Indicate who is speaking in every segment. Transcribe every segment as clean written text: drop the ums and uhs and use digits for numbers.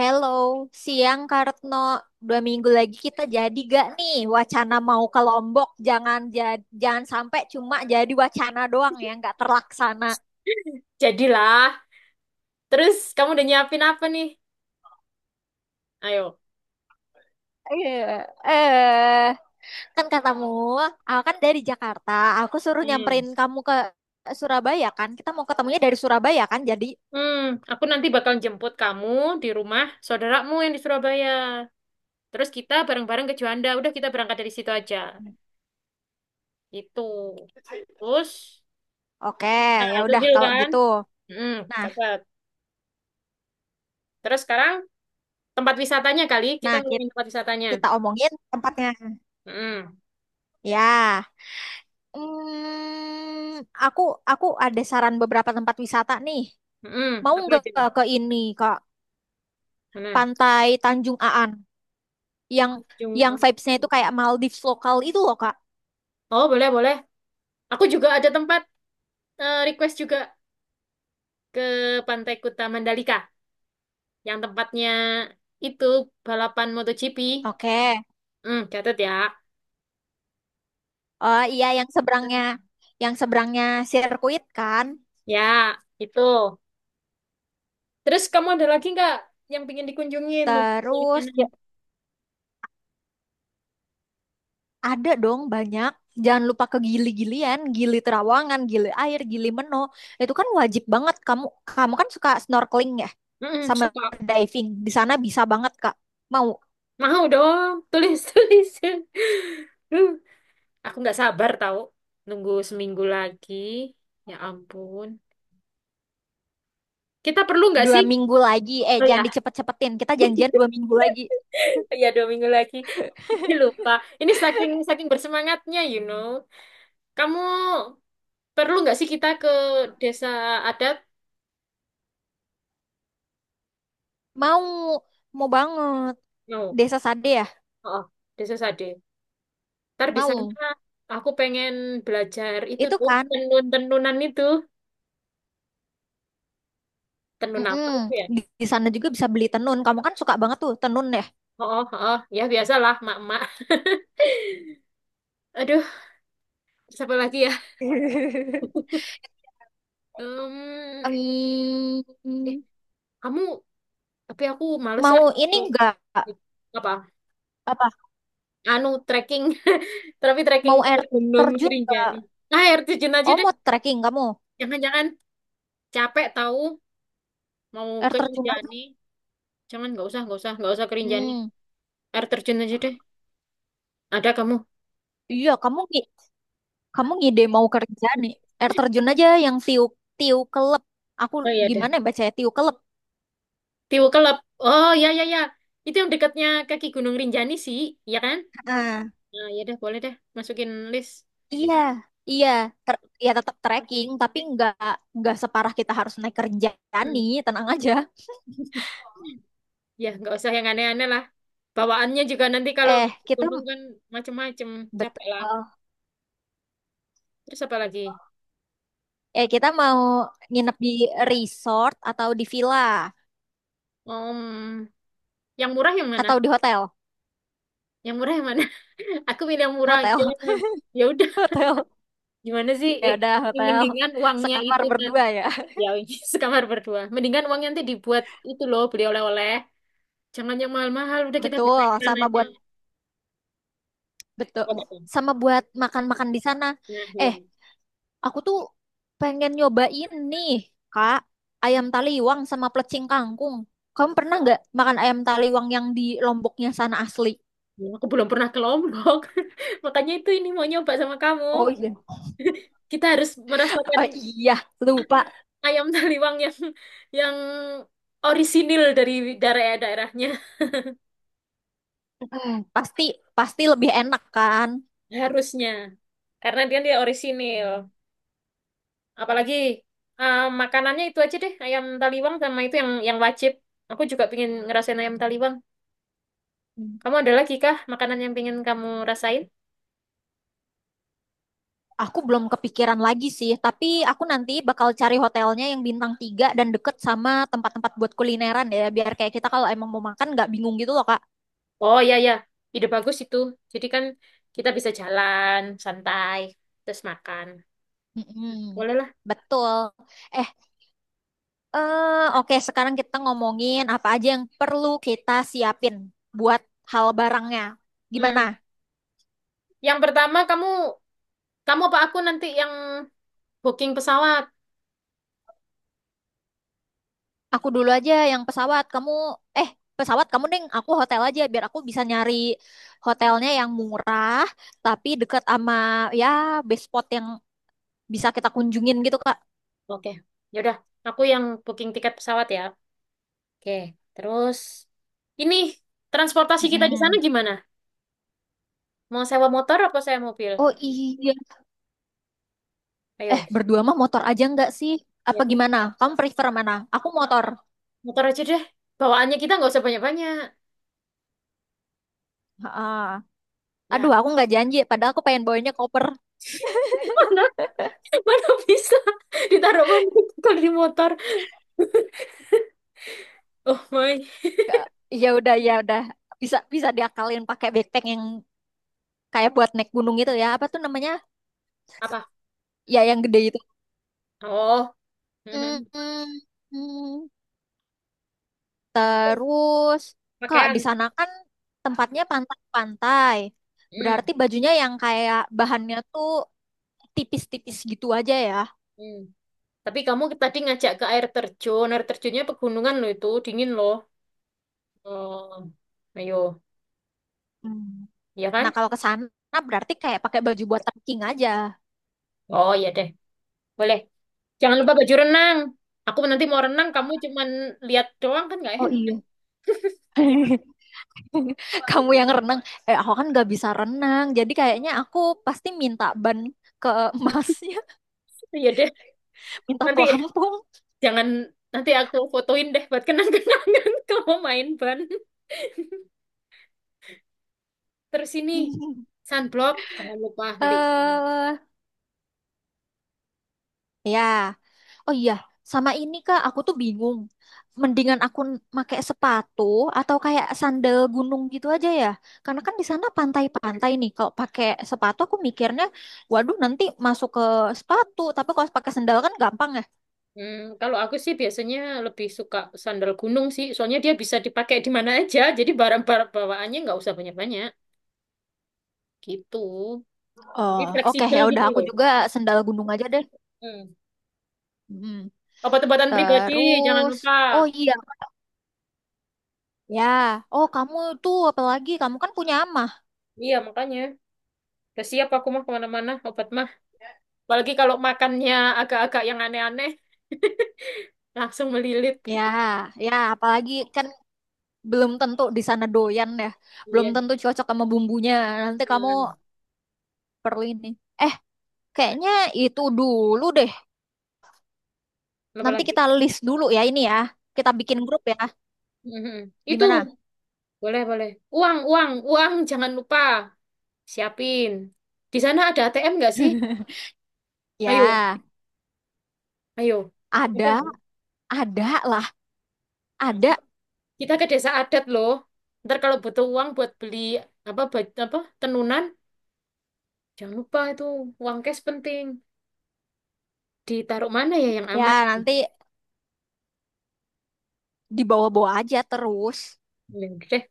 Speaker 1: Hello, siang Kartno. Dua minggu lagi kita jadi gak nih wacana mau ke Lombok? Jangan ja- jangan sampai cuma jadi wacana doang, ya, nggak terlaksana.
Speaker 2: Jadilah. Terus kamu udah nyiapin apa nih? Ayo.
Speaker 1: Iya, eh kan katamu, aku kan dari Jakarta. Aku suruh
Speaker 2: Hmm.
Speaker 1: nyamperin kamu ke Surabaya kan. Kita mau ketemunya dari Surabaya kan. Jadi
Speaker 2: Hmm, aku nanti bakal jemput kamu di rumah saudaramu yang di Surabaya. Terus kita bareng-bareng ke Juanda. Udah kita berangkat dari situ aja. Itu. Terus,
Speaker 1: oke,
Speaker 2: nah
Speaker 1: ya
Speaker 2: itu
Speaker 1: udah
Speaker 2: deal
Speaker 1: kalau
Speaker 2: kan?
Speaker 1: gitu.
Speaker 2: Hmm,
Speaker 1: Nah,
Speaker 2: cepet. Terus sekarang tempat wisatanya kali. Kita
Speaker 1: nah,
Speaker 2: ngomongin tempat wisatanya.
Speaker 1: kita omongin tempatnya.
Speaker 2: Hmm,
Speaker 1: Ya. Hmm, aku aku ada saran beberapa tempat wisata nih.
Speaker 2: hmm,
Speaker 1: Mau
Speaker 2: apa
Speaker 1: nggak
Speaker 2: aja?
Speaker 1: ke ini, Kak?
Speaker 2: Mana?
Speaker 1: Pantai Tanjung Aan yang
Speaker 2: Tanjung
Speaker 1: yang
Speaker 2: An-
Speaker 1: vibes-nya itu kayak Maldives lokal itu loh, Kak.
Speaker 2: Oh, boleh, boleh. Aku juga ada tempat request juga ke Pantai Kuta Mandalika, yang tempatnya itu balapan MotoGP.
Speaker 1: Oke.
Speaker 2: Hmm, catat ya.
Speaker 1: Oh iya, yang seberangnya sirkuit kan.
Speaker 2: Ya, itu. Terus kamu ada lagi nggak yang pingin dikunjungin mau pergi ke
Speaker 1: Terus
Speaker 2: sana?
Speaker 1: ya, ada dong, banyak. Jangan lupa ke Gili-Gilian, Gili Terawangan, Gili Air, Gili Meno. Itu kan wajib banget, kamu kamu kan suka snorkeling ya,
Speaker 2: Mm-mm,
Speaker 1: sama
Speaker 2: suka.
Speaker 1: diving. Di sana bisa banget, Kak. Mau
Speaker 2: Mau dong, tulis tulis. Duh, aku nggak sabar tahu. Nunggu seminggu lagi. Ya ampun. Kita perlu nggak
Speaker 1: dua
Speaker 2: sih?
Speaker 1: minggu lagi. Eh,
Speaker 2: Oh ya,
Speaker 1: jangan dicepet-cepetin. Kita janjian dua minggu lagi.
Speaker 2: ya dua minggu lagi. Ini lupa. Ini saking saking bersemangatnya, you know. Kamu perlu nggak sih kita ke desa adat?
Speaker 1: Mau, mau banget.
Speaker 2: No.
Speaker 1: Desa Sade ya?
Speaker 2: Oh, desa Sade. Ntar di sana
Speaker 1: Mau.
Speaker 2: aku pengen belajar itu
Speaker 1: Itu
Speaker 2: tuh
Speaker 1: kan.
Speaker 2: tenun-tenunan itu. Tenun apa itu
Speaker 1: Mm-mm.
Speaker 2: ya?
Speaker 1: Di sana juga bisa beli tenun. Kamu kan suka banget tuh tenun ya.
Speaker 2: Oh, oh, oh, ya biasalah mak-mak. Aduh, siapa lagi ya? Em,
Speaker 1: Em,
Speaker 2: eh, kamu, tapi aku males ah.
Speaker 1: mau ini enggak?
Speaker 2: Apa?
Speaker 1: Apa?
Speaker 2: Anu, trekking. Tapi trekking
Speaker 1: Mau
Speaker 2: ke
Speaker 1: air
Speaker 2: Gunung
Speaker 1: terjun enggak?
Speaker 2: Rinjani. Nah, air terjun aja
Speaker 1: Oh,
Speaker 2: deh.
Speaker 1: mau trekking kamu?
Speaker 2: Jangan-jangan capek tahu mau
Speaker 1: Air
Speaker 2: ke
Speaker 1: terjun aja.
Speaker 2: Rinjani. Jangan, nggak usah, nggak usah, nggak usah ke Rinjani.
Speaker 1: Hmm.
Speaker 2: Air terjun aja deh. Ada kamu.
Speaker 1: Iya, kamu kamu ngide mau kerja
Speaker 2: Hmm.
Speaker 1: nih. Air terjun aja yang tiu tiu kelep. Aku
Speaker 2: Oh iya ada.
Speaker 1: gimana ya bacanya tiu kelep.
Speaker 2: Tiwu Kelab. Oh ya ya ya. Itu yang dekatnya kaki Gunung Rinjani sih, ya kan? Nah, ya deh, boleh deh, masukin list.
Speaker 1: Iya, iya, Ter- Ya tetap trekking, tapi nggak separah kita harus naik kerjaan nih,
Speaker 2: Mm.
Speaker 1: tenang aja.
Speaker 2: Ya, nggak usah yang aneh-aneh lah. Bawaannya juga nanti kalau
Speaker 1: Eh,
Speaker 2: ke
Speaker 1: kita
Speaker 2: gunung kan macem-macem,
Speaker 1: betul.
Speaker 2: capek lah. Terus apa lagi?
Speaker 1: Eh, kita mau nginep di resort atau di villa
Speaker 2: Om, yang murah yang mana?
Speaker 1: atau di hotel,
Speaker 2: Yang murah yang mana? Aku pilih yang murah aja.
Speaker 1: hotel,
Speaker 2: Ya udah,
Speaker 1: hotel.
Speaker 2: gimana sih?
Speaker 1: Ya
Speaker 2: Eh,
Speaker 1: udah hotel,
Speaker 2: mendingan uangnya
Speaker 1: sekamar
Speaker 2: itu kan.
Speaker 1: berdua ya.
Speaker 2: Ya, sekamar berdua. Mendingan uangnya nanti dibuat itu loh, beli oleh-oleh. Jangan yang mahal-mahal, udah kita bawa
Speaker 1: Betul, sama
Speaker 2: aja.
Speaker 1: buat betul,
Speaker 2: Whatever.
Speaker 1: sama buat makan-makan di sana.
Speaker 2: Nah, iya.
Speaker 1: Eh, Aku tuh pengen nyobain nih, Kak, ayam taliwang sama plecing kangkung. Kamu pernah nggak makan ayam taliwang yang di Lomboknya sana asli?
Speaker 2: Ya, aku belum pernah ke Lombok. Makanya itu ini mau nyoba sama kamu.
Speaker 1: Oh iya.
Speaker 2: Kita harus merasakan
Speaker 1: Oh iya, lupa.
Speaker 2: ayam taliwang yang yang orisinil dari daerah-daerahnya.
Speaker 1: Eh, Pasti pasti lebih enak kan?
Speaker 2: Harusnya. Karena dia dia orisinil. Apalagi makanannya itu aja deh, ayam taliwang sama itu yang wajib. Aku juga pengen ngerasain ayam taliwang.
Speaker 1: Hmm.
Speaker 2: Kamu ada lagi kah makanan yang pengen kamu rasain?
Speaker 1: Aku belum kepikiran lagi sih, tapi aku nanti bakal cari hotelnya yang bintang tiga dan deket sama tempat-tempat buat kulineran ya, biar kayak kita kalau emang mau makan nggak bingung gitu loh, Kak.
Speaker 2: Oh ya ya, ide bagus itu. Jadi kan kita bisa jalan santai terus makan.
Speaker 1: Mm-mm.
Speaker 2: Boleh lah.
Speaker 1: Betul. Eh, oke, sekarang kita ngomongin apa aja yang perlu kita siapin buat hal barangnya. Gimana?
Speaker 2: Hmm. Yang pertama kamu, apa aku nanti yang booking pesawat?
Speaker 1: Aku dulu aja yang pesawat. Kamu, eh, pesawat kamu deng. Aku hotel aja biar aku bisa nyari hotelnya yang murah tapi deket sama ya best spot yang bisa kita kunjungin gitu, Kak.
Speaker 2: Oke. Yaudah, aku yang booking tiket pesawat ya. Oke. Terus ini transportasi kita di sana
Speaker 1: Mm-mm.
Speaker 2: gimana? Mau sewa motor apa sewa mobil?
Speaker 1: Oh iya. Eh,
Speaker 2: Ayo.
Speaker 1: berdua mah motor aja nggak sih?
Speaker 2: Iya
Speaker 1: Apa
Speaker 2: deh.
Speaker 1: gimana? Kamu prefer mana? Aku motor.
Speaker 2: Motor aja deh. Bawaannya kita nggak usah banyak-banyak.
Speaker 1: Ah,
Speaker 2: Ya.
Speaker 1: aduh, aku nggak janji. Padahal aku pengen bawanya koper.
Speaker 2: Mana, mana bisa ditaruh mana kalau di motor. Oh my.
Speaker 1: Ke- ya udah bisa bisa diakalin pakai backpack yang kayak buat naik gunung itu ya. Apa tuh namanya?
Speaker 2: Apa?
Speaker 1: Ya yang gede itu.
Speaker 2: Oh,
Speaker 1: Hmm, hmm. Terus, Kak, di
Speaker 2: pakaian.
Speaker 1: sana kan tempatnya pantai-pantai.
Speaker 2: Hmm,
Speaker 1: Berarti bajunya yang kayak bahannya tuh tipis-tipis gitu aja ya.
Speaker 2: hmm. Tapi kamu tadi ngajak ke air terjun. Air terjunnya pegunungan loh itu, dingin loh. Oh, ayo,
Speaker 1: Hmm.
Speaker 2: ya
Speaker 1: Nah,
Speaker 2: kan?
Speaker 1: kalau ke sana berarti kayak pakai baju buat trekking aja.
Speaker 2: Oh, iya deh. Boleh. Jangan lupa baju renang. Aku nanti mau renang, kamu cuman lihat doang kan nggak
Speaker 1: Oh
Speaker 2: enak.
Speaker 1: iya. Kamu yang renang, eh aku kan gak bisa renang, jadi kayaknya aku pasti minta ban ke emasnya,
Speaker 2: Iya deh.
Speaker 1: minta
Speaker 2: Nanti
Speaker 1: pelampung.
Speaker 2: jangan, nanti aku fotoin deh buat kenang-kenangan kamu main ban. Terus ini sunblock, jangan lupa nanti.
Speaker 1: Eh, ya, oh iya, sama ini kak, aku tuh bingung. Mendingan aku make sepatu atau kayak sandal gunung gitu aja ya, karena kan di sana pantai-pantai nih. Kalau pakai sepatu, aku mikirnya, waduh nanti masuk ke sepatu. Tapi kalau pakai sandal kan gampang ya.
Speaker 2: Hmm, kalau aku sih biasanya lebih suka sandal gunung sih, soalnya dia bisa dipakai di mana aja, jadi barang-barang bawaannya nggak usah banyak-banyak, gitu.
Speaker 1: Oh,
Speaker 2: Jadi
Speaker 1: oke
Speaker 2: fleksibel
Speaker 1: ya udah
Speaker 2: gitu
Speaker 1: aku
Speaker 2: loh.
Speaker 1: juga sandal gunung aja deh.
Speaker 2: Hmm.
Speaker 1: Mm.
Speaker 2: Obat-obatan pribadi, jangan
Speaker 1: Terus,
Speaker 2: lupa.
Speaker 1: oh iya, ya. Oh, kamu tuh apalagi kamu kan punya amah.
Speaker 2: Iya, makanya. Udah siap aku mah kemana-mana, obat mah. Apalagi kalau makannya agak-agak yang aneh-aneh, langsung melilit.
Speaker 1: Ya, ya, apalagi kan belum tentu di sana doyan ya. Belum
Speaker 2: Iya.
Speaker 1: tentu cocok sama bumbunya. Nanti kamu
Speaker 2: Hmm.
Speaker 1: perlu ini. Eh, kayaknya itu dulu deh. Nanti
Speaker 2: Apalagi.
Speaker 1: kita list dulu ya ini ya. Kita bikin grup ya.
Speaker 2: Mhm. Itu,
Speaker 1: Gimana?
Speaker 2: boleh-boleh. Uang, uang, uang, jangan lupa. Siapin. Di sana ada ATM nggak sih? Ayo.
Speaker 1: Ya,
Speaker 2: Ayo.
Speaker 1: ada,
Speaker 2: Gitu,
Speaker 1: ada lah, ada.
Speaker 2: kita ke desa adat loh. Ntar kalau butuh uang buat beli apa baj- apa tenunan, jangan lupa itu uang cash penting. Ditaruh mana ya yang aman?
Speaker 1: Ya, nanti dibawa-bawa aja terus.
Speaker 2: Ya udah deh.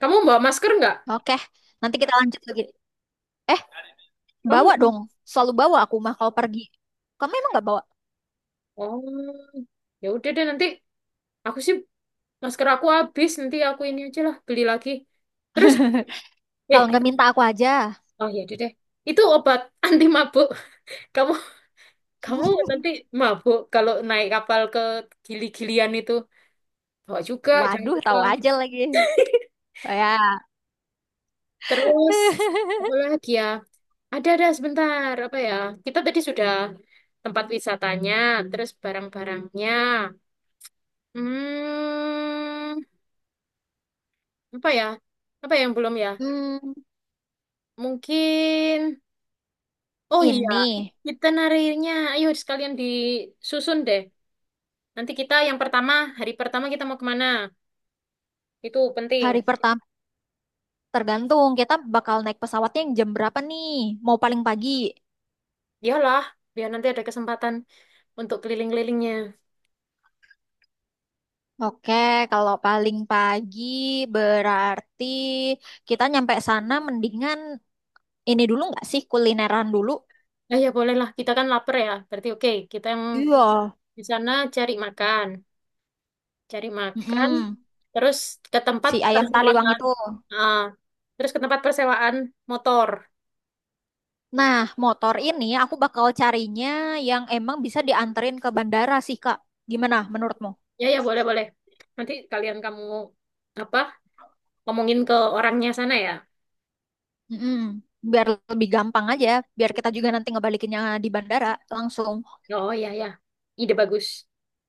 Speaker 2: Kamu bawa masker nggak?
Speaker 1: Oke, nanti kita lanjut lagi. Eh,
Speaker 2: Kamu?
Speaker 1: bawa dong, selalu bawa aku mah kalau pergi. Kamu emang nggak bawa?
Speaker 2: Oh, ya udah deh nanti. Aku sih, masker aku habis, nanti aku ini aja lah beli lagi. Terus,
Speaker 1: Kalau nggak
Speaker 2: eh,
Speaker 1: minta aku aja.
Speaker 2: oh ya udah deh. Itu obat anti mabuk. Kamu, nanti mabuk kalau naik kapal ke Gili-Gilian itu. Bawa juga, jangan
Speaker 1: Waduh,
Speaker 2: lupa.
Speaker 1: tahu aja lagi. Ya.
Speaker 2: Terus apa lagi ya? Ada sebentar apa ya? Kita tadi sudah tempat wisatanya, terus barang-barangnya. Hmm, apa ya? Apa ya yang belum ya?
Speaker 1: Hmm,
Speaker 2: Mungkin oh iya,
Speaker 1: ini
Speaker 2: itinerary-nya. Ayo sekalian disusun deh. Nanti kita yang pertama, hari pertama kita mau kemana? Itu penting.
Speaker 1: hari pertama tergantung kita bakal naik pesawatnya yang jam berapa nih? Mau paling pagi?
Speaker 2: Iyalah, biar nanti ada kesempatan untuk keliling-kelilingnya.
Speaker 1: Oke, kalau paling pagi berarti kita nyampe sana mendingan ini dulu nggak sih kulineran dulu?
Speaker 2: Eh ya bolehlah, kita kan lapar ya. Berarti oke, kita yang
Speaker 1: Iya.
Speaker 2: di sana cari makan,
Speaker 1: Mm-mm.
Speaker 2: terus ke tempat
Speaker 1: Si ayam taliwang
Speaker 2: persewaan.
Speaker 1: itu.
Speaker 2: Ah, terus ke tempat persewaan motor.
Speaker 1: Nah, motor ini aku bakal carinya yang emang bisa dianterin ke bandara sih, Kak. Gimana menurutmu?
Speaker 2: Ya, ya, boleh, boleh. Nanti kalian, kamu apa? Ngomongin ke orangnya sana ya.
Speaker 1: Mm-mm. Biar lebih gampang aja, biar kita juga nanti ngebalikinnya di bandara langsung.
Speaker 2: Oh, ya, ya. Ide bagus.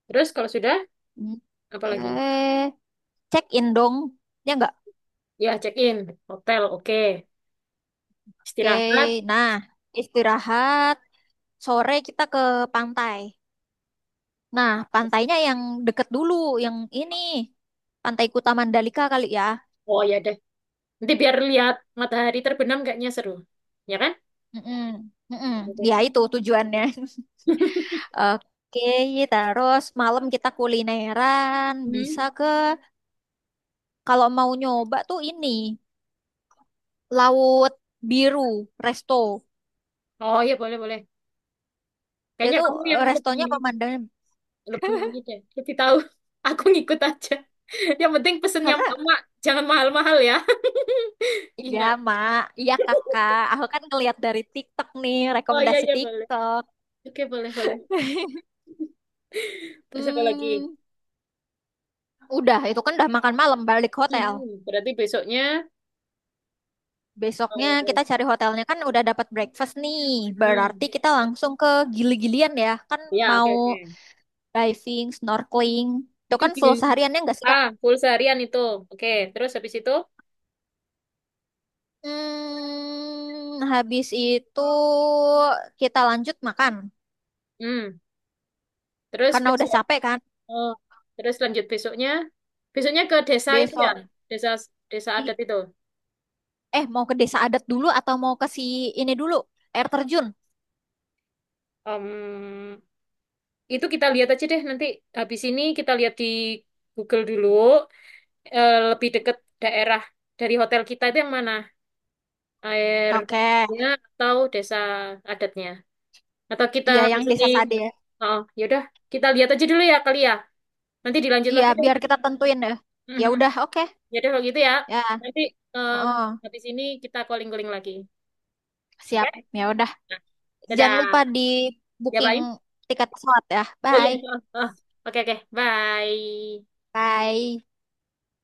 Speaker 2: Terus kalau sudah,
Speaker 1: Mm.
Speaker 2: apa lagi?
Speaker 1: Eh, check in dong, ya nggak?
Speaker 2: Ya, check-in, hotel, oke.
Speaker 1: Oke,
Speaker 2: Istirahat.
Speaker 1: nah istirahat, sore kita ke pantai. Nah, pantainya yang deket dulu, yang ini, Pantai Kuta Mandalika kali ya.
Speaker 2: Oh, ya deh. Nanti biar lihat matahari terbenam kayaknya seru. Ya kan?
Speaker 1: Mm-mm. Mm-mm.
Speaker 2: Oke, oke.
Speaker 1: Ya itu tujuannya. Oke, terus malam kita kulineran, bisa
Speaker 2: Hmm.
Speaker 1: ke kalau mau nyoba tuh ini Laut Biru Resto.
Speaker 2: Oh, iya, boleh, boleh. Kayaknya
Speaker 1: Itu
Speaker 2: kamu yang
Speaker 1: eh,
Speaker 2: lebih,
Speaker 1: restonya pemandangan
Speaker 2: ini deh, lebih tahu. Aku ngikut aja. Yang penting pesen yang
Speaker 1: karena
Speaker 2: mama, jangan mahal-mahal ya.
Speaker 1: iya
Speaker 2: Ingat.
Speaker 1: Mak, iya Kakak, aku kan ngeliat dari TikTok nih,
Speaker 2: Oh iya
Speaker 1: rekomendasi
Speaker 2: iya boleh.
Speaker 1: TikTok.
Speaker 2: Oke boleh boleh. Terus apa lagi?
Speaker 1: Hmm, udah itu kan udah makan malam balik hotel.
Speaker 2: Hmm, berarti besoknya.
Speaker 1: Besoknya
Speaker 2: eh,
Speaker 1: kita cari hotelnya kan udah dapat breakfast nih. Berarti
Speaker 2: hmm,
Speaker 1: kita langsung ke Gili-Gilian ya. Kan
Speaker 2: ya oke
Speaker 1: mau
Speaker 2: oke.
Speaker 1: diving, snorkeling. Itu
Speaker 2: Itu
Speaker 1: kan
Speaker 2: gini.
Speaker 1: full sehariannya nggak sih, Kak?
Speaker 2: Ah, full seharian itu. Oke, terus habis itu,
Speaker 1: Hmm, habis itu kita lanjut makan.
Speaker 2: hmm, terus
Speaker 1: Karena udah
Speaker 2: besok.
Speaker 1: capek kan.
Speaker 2: Oh, terus lanjut besoknya. Besoknya ke desa itu ya,
Speaker 1: Besok,
Speaker 2: desa desa adat
Speaker 1: i-
Speaker 2: itu.
Speaker 1: mau ke desa adat dulu atau mau ke si ini dulu, air terjun?
Speaker 2: Om, itu kita lihat aja deh nanti habis ini kita lihat di Google dulu, lebih dekat daerah dari hotel kita itu yang mana? Air
Speaker 1: Oke.
Speaker 2: ya atau desa adatnya? Atau kita
Speaker 1: Iya,
Speaker 2: habis
Speaker 1: yang
Speaker 2: ini
Speaker 1: desa Sade ya.
Speaker 2: oh ya udah kita lihat aja dulu ya kali ya. Nanti dilanjut
Speaker 1: Iya,
Speaker 2: lagi deh.
Speaker 1: biar kita tentuin ya. Ya
Speaker 2: Mhm.
Speaker 1: udah, oke.
Speaker 2: Ya udah kalau gitu ya.
Speaker 1: Ya,
Speaker 2: Nanti em,
Speaker 1: oh,
Speaker 2: habis ini kita calling-calling lagi. Oke?
Speaker 1: siap. Ya udah.
Speaker 2: Nah,
Speaker 1: Jangan
Speaker 2: dadah.
Speaker 1: lupa di
Speaker 2: Ya,
Speaker 1: booking
Speaker 2: bye.
Speaker 1: tiket pesawat ya.
Speaker 2: Oh iya.
Speaker 1: Bye.
Speaker 2: Oh, oh. Oke, oke. Bye.
Speaker 1: Bye.